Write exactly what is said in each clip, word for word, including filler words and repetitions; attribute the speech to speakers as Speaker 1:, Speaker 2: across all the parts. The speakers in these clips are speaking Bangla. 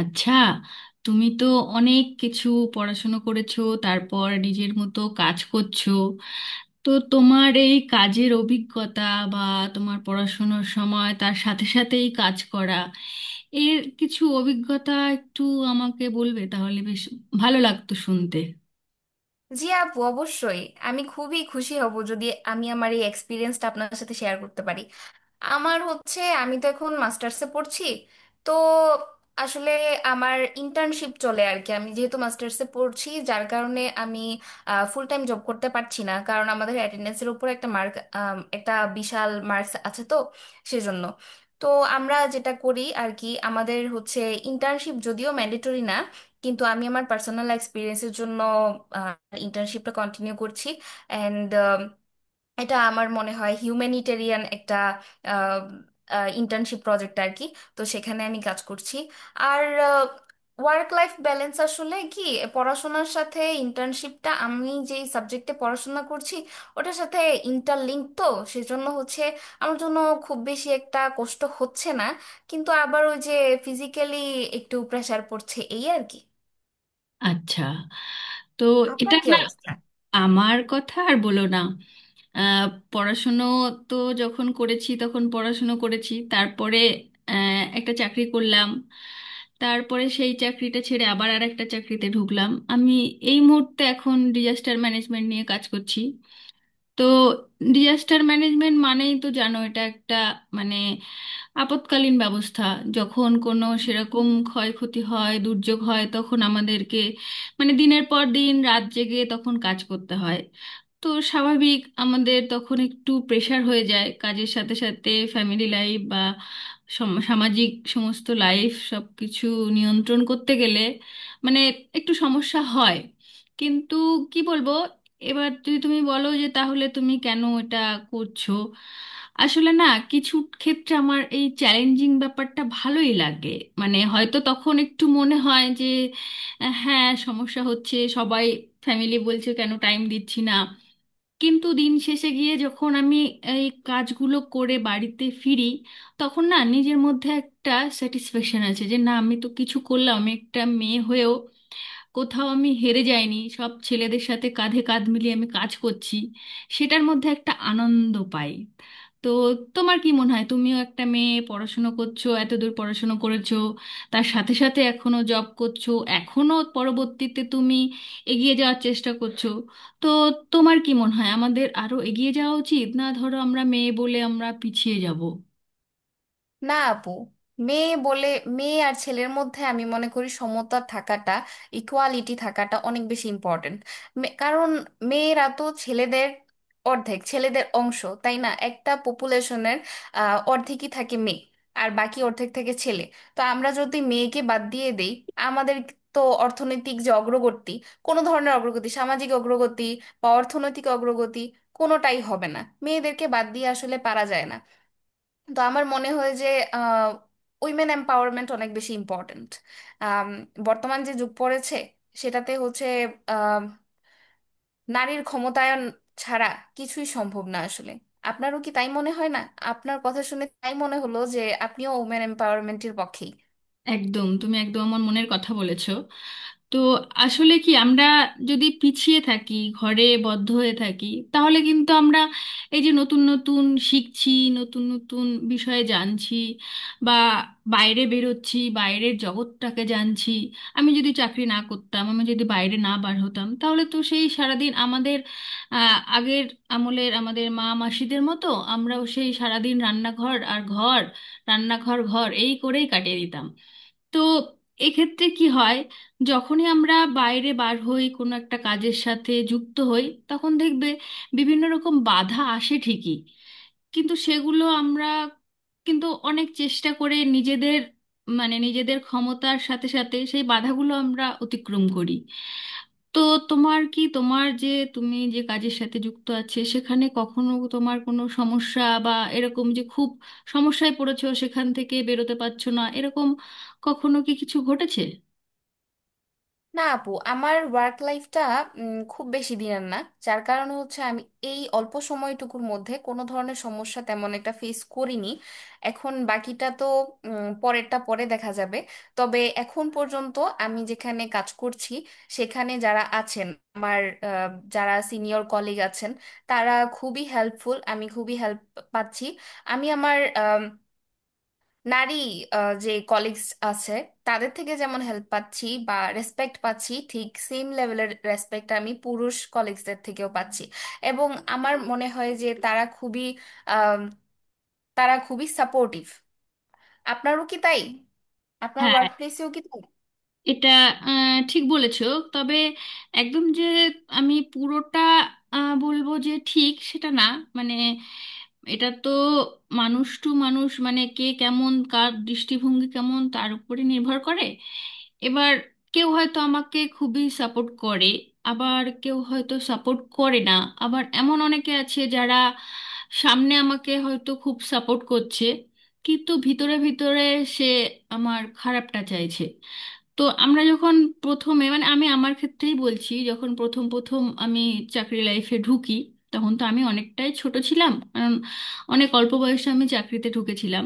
Speaker 1: আচ্ছা, তুমি তো অনেক কিছু পড়াশুনো করেছো, তারপর নিজের মতো কাজ করছো। তো তোমার এই কাজের অভিজ্ঞতা বা তোমার পড়াশুনোর সময় তার সাথে সাথে এই কাজ করা, এর কিছু অভিজ্ঞতা একটু আমাকে বলবে? তাহলে বেশ ভালো লাগতো শুনতে।
Speaker 2: জি আপু, অবশ্যই। আমি খুবই খুশি হব যদি আমি আমার এই এক্সপিরিয়েন্সটা আপনার সাথে শেয়ার করতে পারি। আমার হচ্ছে, আমি তো এখন মাস্টার্সে পড়ছি। তো আসলে আমার ইন্টার্নশিপ চলে আর কি। আমি যেহেতু মাস্টার্সে পড়ছি, যার কারণে আমি ফুল টাইম জব করতে পারছি না, কারণ আমাদের অ্যাটেন্ডেন্সের উপর একটা মার্ক, একটা বিশাল মার্কস আছে। তো সেজন্য, তো আমরা যেটা করি আর কি, আমাদের হচ্ছে ইন্টার্নশিপ যদিও ম্যান্ডেটরি না, কিন্তু আমি আমার পার্সোনাল এক্সপিরিয়েন্সের জন্য ইন্টার্নশিপটা কন্টিনিউ করছি। অ্যান্ড এটা আমার মনে হয় হিউম্যানিটেরিয়ান একটা ইন্টার্নশিপ প্রজেক্ট আর কি। তো সেখানে আমি কাজ করছি। আর ওয়ার্ক লাইফ ব্যালেন্স আসলে কি, পড়াশোনার সাথে ইন্টার্নশিপটা আমি যেই সাবজেক্টে পড়াশোনা করছি ওটার সাথে ইন্টারলিঙ্ক। তো সেজন্য হচ্ছে আমার জন্য খুব বেশি একটা কষ্ট হচ্ছে না, কিন্তু আবার ওই যে ফিজিক্যালি একটু প্রেশার পড়ছে এই আর কি।
Speaker 1: আচ্ছা, তো
Speaker 2: আপনার
Speaker 1: এটা
Speaker 2: কি
Speaker 1: না,
Speaker 2: অবস্থা?
Speaker 1: আমার কথা আর বলো না। আহ, পড়াশুনো তো যখন করেছি তখন পড়াশুনো করেছি, তারপরে আহ, একটা চাকরি করলাম, তারপরে সেই চাকরিটা ছেড়ে আবার আর একটা চাকরিতে ঢুকলাম। আমি এই মুহূর্তে এখন ডিজাস্টার ম্যানেজমেন্ট নিয়ে কাজ করছি। তো ডিজাস্টার ম্যানেজমেন্ট মানেই তো জানো, এটা একটা মানে আপৎকালীন ব্যবস্থা। যখন কোনো সেরকম ক্ষয়ক্ষতি হয়, দুর্যোগ হয়, তখন আমাদেরকে মানে দিনের পর দিন রাত জেগে তখন কাজ করতে হয়। তো স্বাভাবিক আমাদের তখন একটু প্রেশার হয়ে যায়, কাজের সাথে সাথে ফ্যামিলি লাইফ বা সম- সামাজিক সমস্ত লাইফ সব কিছু নিয়ন্ত্রণ করতে গেলে মানে একটু সমস্যা হয়। কিন্তু কি বলবো, এবার যদি তুমি বলো যে তাহলে তুমি কেন এটা করছো? আসলে না, কিছু ক্ষেত্রে আমার এই চ্যালেঞ্জিং ব্যাপারটা ভালোই লাগে। মানে হয়তো তখন একটু মনে হয় যে আহ, হ্যাঁ, সমস্যা হচ্ছে, সবাই ফ্যামিলি বলছে কেন টাইম দিচ্ছি না। কিন্তু দিন শেষে গিয়ে যখন আমি এই কাজগুলো করে বাড়িতে ফিরি, তখন না নিজের মধ্যে একটা স্যাটিসফ্যাকশন আছে যে না, আমি তো কিছু করলাম, আমি একটা মেয়ে হয়েও কোথাও আমি হেরে যাইনি, সব ছেলেদের সাথে কাঁধে কাঁধ মিলিয়ে আমি কাজ করছি। সেটার মধ্যে একটা আনন্দ পাই। তো তোমার কি মনে হয়, তুমিও একটা মেয়ে, পড়াশুনো করছো, এতদূর পড়াশুনো করেছো, তার সাথে সাথে এখনো জব করছো, এখনো পরবর্তীতে তুমি এগিয়ে যাওয়ার চেষ্টা করছো। তো তোমার কি মনে হয়, আমাদের আরো এগিয়ে যাওয়া উচিত না ধরো আমরা মেয়ে বলে আমরা পিছিয়ে যাব?
Speaker 2: না আপু, মেয়ে বলে, মেয়ে আর ছেলের মধ্যে আমি মনে করি সমতা থাকাটা, ইকুয়ালিটি থাকাটা অনেক বেশি ইম্পর্টেন্ট। কারণ মেয়েরা তো ছেলেদের অর্ধেক, ছেলেদের অংশ, তাই না? একটা পপুলেশনের অর্ধেকই থাকে মেয়ে, আর বাকি অর্ধেক থাকে ছেলে। তো আমরা যদি মেয়েকে বাদ দিয়ে দেই, আমাদের তো অর্থনৈতিক যে অগ্রগতি, কোনো ধরনের অগ্রগতি, সামাজিক অগ্রগতি বা অর্থনৈতিক অগ্রগতি কোনোটাই হবে না। মেয়েদেরকে বাদ দিয়ে আসলে পারা যায় না। তো আমার মনে হয় যে উইমেন এম্পাওয়ারমেন্ট অনেক বেশি ইম্পর্ট্যান্ট। বর্তমান যে যুগ পড়েছে, সেটাতে হচ্ছে আম, নারীর ক্ষমতায়ন ছাড়া কিছুই সম্ভব না আসলে। আপনারও কি তাই মনে হয় না? আপনার কথা শুনে তাই মনে হলো যে আপনিও উইমেন এম্পাওয়ারমেন্টের পক্ষে।
Speaker 1: একদম, তুমি একদম আমার মনের কথা বলেছো। তো আসলে কি আমরা যদি পিছিয়ে থাকি, ঘরে বদ্ধ হয়ে থাকি, তাহলে কিন্তু আমরা এই যে নতুন নতুন শিখছি, নতুন নতুন বিষয়ে জানছি বা বাইরে বেরোচ্ছি, বাইরের জগৎটাকে জানছি, আমি যদি চাকরি না করতাম, আমি যদি বাইরে না বার হতাম, তাহলে তো সেই সারাদিন আমাদের আহ, আগের আমলের আমাদের মা মাসিদের মতো আমরাও সেই সারাদিন রান্নাঘর আর ঘর, রান্নাঘর ঘর এই করেই কাটিয়ে দিতাম। তো এক্ষেত্রে কি হয়, যখনই আমরা বাইরে বার হই, কোনো একটা কাজের সাথে যুক্ত হই, তখন দেখবে বিভিন্ন রকম বাধা আসে ঠিকই, কিন্তু সেগুলো আমরা কিন্তু অনেক চেষ্টা করে নিজেদের মানে নিজেদের ক্ষমতার সাথে সাথে সেই বাধাগুলো আমরা অতিক্রম করি। তো তোমার কি, তোমার যে, তুমি যে কাজের সাথে যুক্ত আছে, সেখানে কখনো তোমার কোনো সমস্যা বা এরকম যে খুব সমস্যায় পড়েছো, সেখান থেকে বেরোতে পারছো না, এরকম কখনো কি কিছু ঘটেছে?
Speaker 2: না আপু, আমার ওয়ার্ক লাইফটা খুব বেশি দিনের না, যার কারণে হচ্ছে আমি এই অল্প সময়টুকুর মধ্যে কোনো ধরনের সমস্যা তেমন একটা ফেস করিনি। এখন বাকিটা তো উম, পরেরটা পরে দেখা যাবে। তবে এখন পর্যন্ত আমি যেখানে কাজ করছি সেখানে যারা আছেন, আমার আহ, যারা সিনিয়র কলিগ আছেন, তারা খুবই হেল্পফুল। আমি খুবই হেল্প পাচ্ছি। আমি আমার নারী, আহ, যে কলিগস আছে তাদের থেকে যেমন হেল্প পাচ্ছি বা রেসপেক্ট পাচ্ছি, ঠিক সেম লেভেলের রেসপেক্ট আমি পুরুষ কলিগসদের থেকেও পাচ্ছি। এবং আমার মনে হয় যে তারা খুবই আম, তারা খুবই সাপোর্টিভ। আপনারও কি তাই? আপনার
Speaker 1: হ্যাঁ,
Speaker 2: ওয়ার্ক প্লেসেও কি তাই?
Speaker 1: এটা আহ, ঠিক বলেছো। তবে একদম যে আমি পুরোটা আহ, বলবো যে ঠিক সেটা না। মানে এটা তো মানুষ টু মানুষ, মানে কে কেমন, কার দৃষ্টিভঙ্গি কেমন, তার উপরে নির্ভর করে। এবার কেউ হয়তো আমাকে খুবই সাপোর্ট করে, আবার কেউ হয়তো সাপোর্ট করে না। আবার এমন অনেকে আছে যারা সামনে আমাকে হয়তো খুব সাপোর্ট করছে, কিন্তু ভিতরে ভিতরে সে আমার খারাপটা চাইছে। তো আমরা যখন প্রথমে, মানে আমি আমার ক্ষেত্রেই বলছি, যখন প্রথম প্রথম আমি চাকরি লাইফে ঢুকি, তখন তো আমি অনেকটাই ছোট ছিলাম, কারণ অনেক অল্প বয়সে আমি চাকরিতে ঢুকেছিলাম।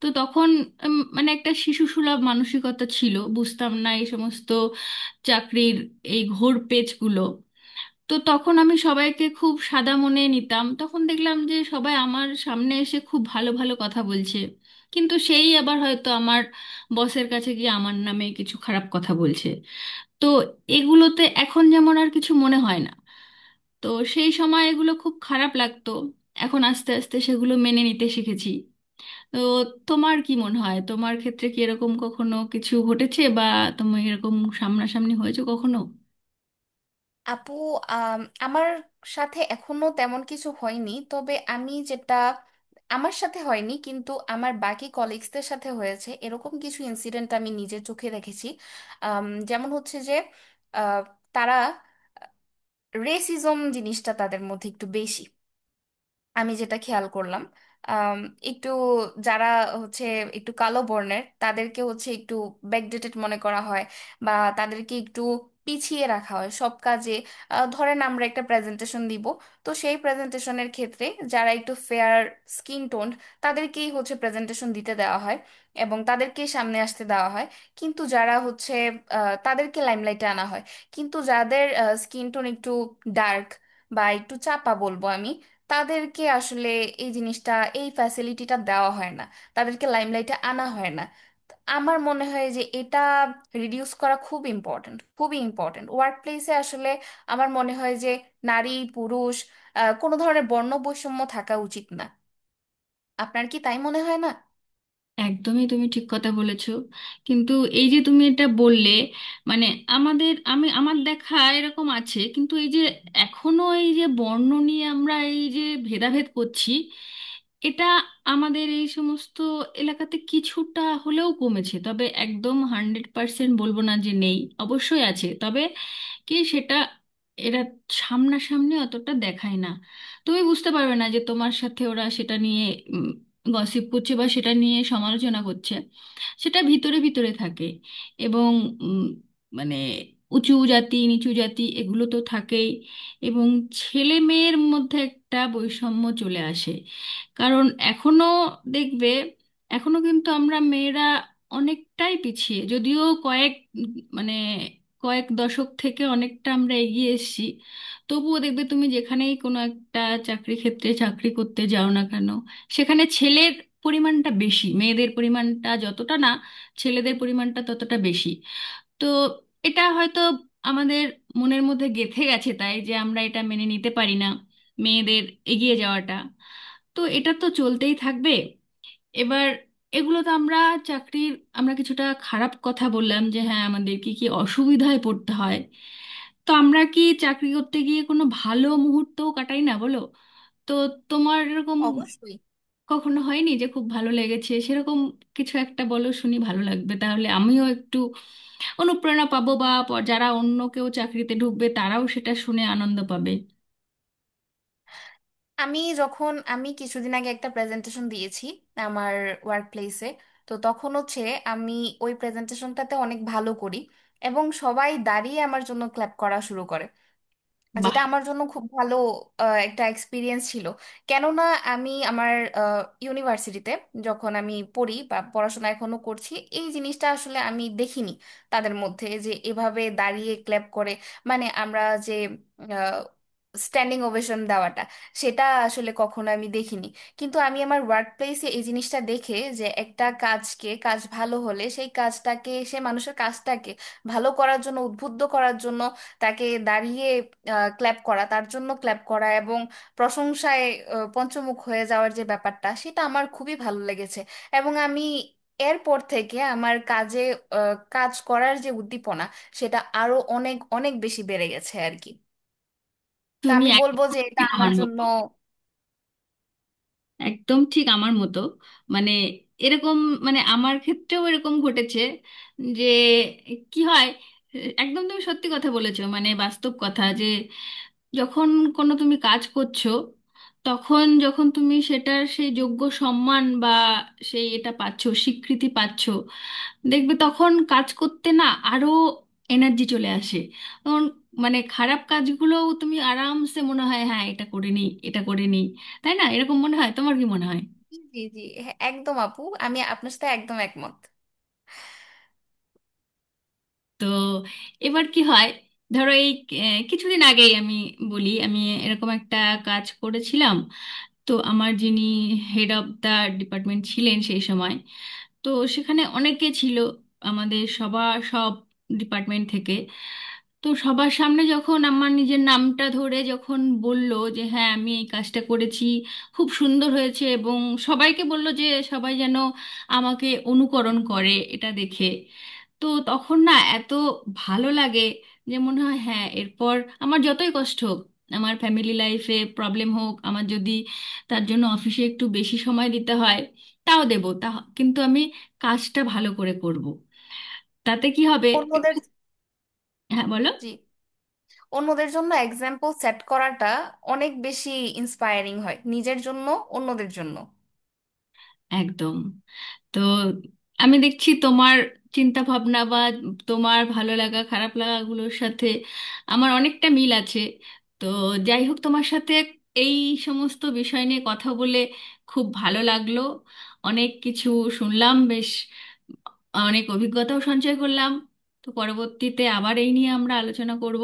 Speaker 1: তো তখন উম, মানে একটা শিশুসুলভ মানসিকতা ছিল, বুঝতাম না এই সমস্ত চাকরির এই ঘোর পেচগুলো। তো তখন আমি সবাইকে খুব সাদা মনে নিতাম, তখন দেখলাম যে সবাই আমার সামনে এসে খুব ভালো ভালো কথা বলছে, কিন্তু সেই আবার হয়তো আমার বসের কাছে গিয়ে আমার নামে কিছু খারাপ কথা বলছে। তো এগুলোতে এখন যেমন আর কিছু মনে হয় না, তো সেই সময় এগুলো খুব খারাপ লাগতো। এখন আস্তে আস্তে সেগুলো মেনে নিতে শিখেছি। তো তোমার কি মনে হয়, তোমার ক্ষেত্রে কি এরকম কখনো কিছু ঘটেছে বা তুমি এরকম সামনাসামনি হয়েছে কখনো?
Speaker 2: আপু, আম, আমার সাথে এখনো তেমন কিছু হয়নি, তবে আমি যেটা, আমার সাথে হয়নি কিন্তু আমার বাকি কলিগসদের সাথে হয়েছে, এরকম কিছু ইনসিডেন্ট আমি নিজে চোখে দেখেছি। আম, যেমন হচ্ছে যে, আহ, তারা, রেসিজম জিনিসটা তাদের মধ্যে একটু বেশি আমি যেটা খেয়াল করলাম। আম, একটু যারা হচ্ছে একটু কালো বর্ণের, তাদেরকে হচ্ছে একটু ব্যাকডেটেড মনে করা হয় বা তাদেরকে একটু পিছিয়ে রাখা হয় সব কাজে। আহ, ধরেন আমরা একটা প্রেজেন্টেশন দিব, তো সেই প্রেজেন্টেশনের ক্ষেত্রে যারা একটু ফেয়ার স্কিন টোন্ড, তাদেরকেই হচ্ছে প্রেজেন্টেশন দিতে দেওয়া হয় এবং তাদেরকেই সামনে আসতে দেওয়া হয়। কিন্তু যারা হচ্ছে, আহ, তাদেরকে লাইমলাইটে আনা হয়, কিন্তু যাদের স্কিন টোন একটু ডার্ক বা একটু চাপা বলবো আমি, তাদেরকে আসলে এই জিনিসটা, এই ফ্যাসিলিটিটা দেওয়া হয় না, তাদেরকে লাইমলাইটে আনা হয় না। তো আমার মনে হয় যে এটা রিডিউস করা খুব ইম্পর্ট্যান্ট, খুবই ইম্পর্ট্যান্ট ওয়ার্ক প্লেসে আসলে। আমার মনে হয় যে নারী পুরুষ, আহ, কোনো ধরনের বর্ণ বৈষম্য থাকা উচিত না। আপনার কি তাই মনে হয় না?
Speaker 1: একদমই, তুমি ঠিক কথা বলেছো। কিন্তু এই যে তুমি এটা বললে, মানে আমাদের, আমি আমার দেখা এরকম আছে, কিন্তু এই যে এখনো এই যে বর্ণ নিয়ে আমরা এই যে ভেদাভেদ করছি, এটা আমাদের এই সমস্ত এলাকাতে কিছুটা হলেও কমেছে, তবে একদম হান্ড্রেড পার্সেন্ট বলবো না যে নেই, অবশ্যই আছে। তবে কি সেটা, এরা সামনাসামনি অতটা দেখায় না, তুমি বুঝতে পারবে না যে তোমার সাথে ওরা সেটা নিয়ে গসিপ করছে বা সেটা নিয়ে সমালোচনা করছে, সেটা ভিতরে ভিতরে থাকে। এবং উম, মানে উঁচু জাতি নিচু জাতি এগুলো তো থাকেই। এবং ছেলে মেয়ের মধ্যে একটা বৈষম্য চলে আসে, কারণ এখনো দেখবে, এখনো কিন্তু আমরা মেয়েরা অনেকটাই পিছিয়ে, যদিও কয়েক উম, মানে কয়েক দশক থেকে অনেকটা আমরা এগিয়ে এসেছি, তবুও দেখবে তুমি যেখানেই কোনো একটা চাকরি ক্ষেত্রে চাকরি করতে যাও না কেন, সেখানে ছেলের পরিমাণটা বেশি, মেয়েদের পরিমাণটা যতটা না ছেলেদের পরিমাণটা ততটা বেশি। তো এটা হয়তো আমাদের মনের মধ্যে গেঁথে গেছে, তাই যে আমরা এটা মেনে নিতে পারি না, মেয়েদের এগিয়ে যাওয়াটা। তো এটা তো চলতেই থাকবে। এবার এগুলো তো আমরা চাকরির, আমরা কিছুটা খারাপ কথা বললাম যে হ্যাঁ, আমাদের কি কি অসুবিধায় পড়তে হয়। তো আমরা কি চাকরি করতে গিয়ে কোনো ভালো মুহূর্তও কাটাই না বলো? তো তোমার এরকম
Speaker 2: অবশ্যই।
Speaker 1: কখনো হয়নি যে খুব ভালো লেগেছে সেরকম? কিছু একটা বলো, শুনি, ভালো লাগবে, তাহলে আমিও একটু অনুপ্রেরণা পাবো বা প- যারা অন্য কেউ চাকরিতে ঢুকবে তারাও সেটা শুনে আনন্দ পাবে।
Speaker 2: আমি যখন, আমি কিছুদিন আগে একটা প্রেজেন্টেশন দিয়েছি আমার ওয়ার্ক প্লেসে। তো তখন হচ্ছে আমি ওই প্রেজেন্টেশনটাতে অনেক ভালো করি এবং সবাই দাঁড়িয়ে আমার জন্য ক্ল্যাপ করা শুরু করে।
Speaker 1: বাহ!
Speaker 2: যেটা আমার জন্য খুব ভালো আহ, একটা এক্সপিরিয়েন্স ছিল। কেননা আমি আমার ইউনিভার্সিটিতে যখন আমি পড়ি বা পড়াশোনা এখনো করছি, এই জিনিসটা আসলে আমি দেখিনি তাদের মধ্যে, যে এভাবে দাঁড়িয়ে ক্ল্যাপ করে, মানে আমরা যে স্ট্যান্ডিং ওভেশন দেওয়াটা, সেটা আসলে কখনো আমি দেখিনি। কিন্তু আমি আমার ওয়ার্ক প্লেসে এই জিনিসটা দেখে, যে একটা কাজকে, কাজ ভালো হলে সেই কাজটাকে, সেই মানুষের কাজটাকে ভালো করার জন্য, উদ্বুদ্ধ করার জন্য তাকে দাঁড়িয়ে ক্ল্যাপ করা, তার জন্য ক্ল্যাপ করা এবং প্রশংসায় আহ, পঞ্চমুখ হয়ে যাওয়ার যে ব্যাপারটা, সেটা আমার খুবই ভালো লেগেছে। এবং আমি এরপর থেকে আমার কাজে আহ, কাজ করার যে উদ্দীপনা, সেটা আরো অনেক অনেক বেশি বেড়ে গেছে আর কি। তো
Speaker 1: তুমি
Speaker 2: আমি বলবো
Speaker 1: একদম
Speaker 2: যে এটা
Speaker 1: ঠিক
Speaker 2: আমার
Speaker 1: আমার
Speaker 2: জন্য।
Speaker 1: মতো। একদম ঠিক আমার মতো, মানে এরকম, মানে আমার ক্ষেত্রেও এরকম ঘটেছে যে কি হয়, একদম তুমি সত্যি কথা বলেছো, মানে বাস্তব কথা যে যখন কোনো তুমি কাজ করছো, তখন যখন তুমি সেটার সেই যোগ্য সম্মান বা সেই এটা পাচ্ছো, স্বীকৃতি পাচ্ছো, দেখবে তখন কাজ করতে না আরো এনার্জি চলে আসে। তখন মানে খারাপ কাজগুলোও তুমি আরামসে মনে হয় হ্যাঁ, এটা করে নিই, এটা করে নিই। তাই না? এরকম মনে হয়, তোমার কি মনে হয়?
Speaker 2: জি জি জি হ্যাঁ, একদম আপু, আমি আপনার সাথে একদম একমত।
Speaker 1: তো এবার কি হয়, ধরো এই আহ, কিছুদিন আগেই আমি বলি, আমি এরকম একটা কাজ করেছিলাম। তো আমার যিনি হেড অফ দা ডিপার্টমেন্ট ছিলেন সেই সময়, তো সেখানে অনেকে ছিল আমাদের সবার, সব ডিপার্টমেন্ট থেকে। তো সবার সামনে যখন আমার নিজের নামটা ধরে যখন বলল যে হ্যাঁ, আমি এই কাজটা করেছি, খুব সুন্দর হয়েছে, এবং সবাইকে বলল যে সবাই যেন আমাকে অনুকরণ করে এটা দেখে, তো তখন না এত ভালো লাগে যে মনে হয় হ্যাঁ, এরপর আমার যতই কষ্ট হোক, আমার ফ্যামিলি লাইফে প্রবলেম হোক, আমার যদি তার জন্য অফিসে একটু বেশি সময় দিতে হয়, তাও দেব, তা কিন্তু আমি কাজটা ভালো করে করব। তাতে কি হবে, একটু,
Speaker 2: অন্যদের।
Speaker 1: হ্যাঁ বলো।
Speaker 2: জি। অন্যদের জন্য এক্সাম্পল সেট করাটা অনেক বেশি ইন্সপায়ারিং হয়, নিজের জন্য, অন্যদের জন্য।
Speaker 1: একদম। তো আমি দেখছি তোমার চিন্তা ভাবনা বা তোমার ভালো লাগা খারাপ লাগাগুলোর সাথে আমার অনেকটা মিল আছে। তো যাই হোক, তোমার সাথে এই সমস্ত বিষয় নিয়ে কথা বলে খুব ভালো লাগলো। অনেক কিছু শুনলাম, বেশ অনেক অভিজ্ঞতাও সঞ্চয় করলাম। তো পরবর্তীতে আবার এই নিয়ে আমরা আলোচনা করব।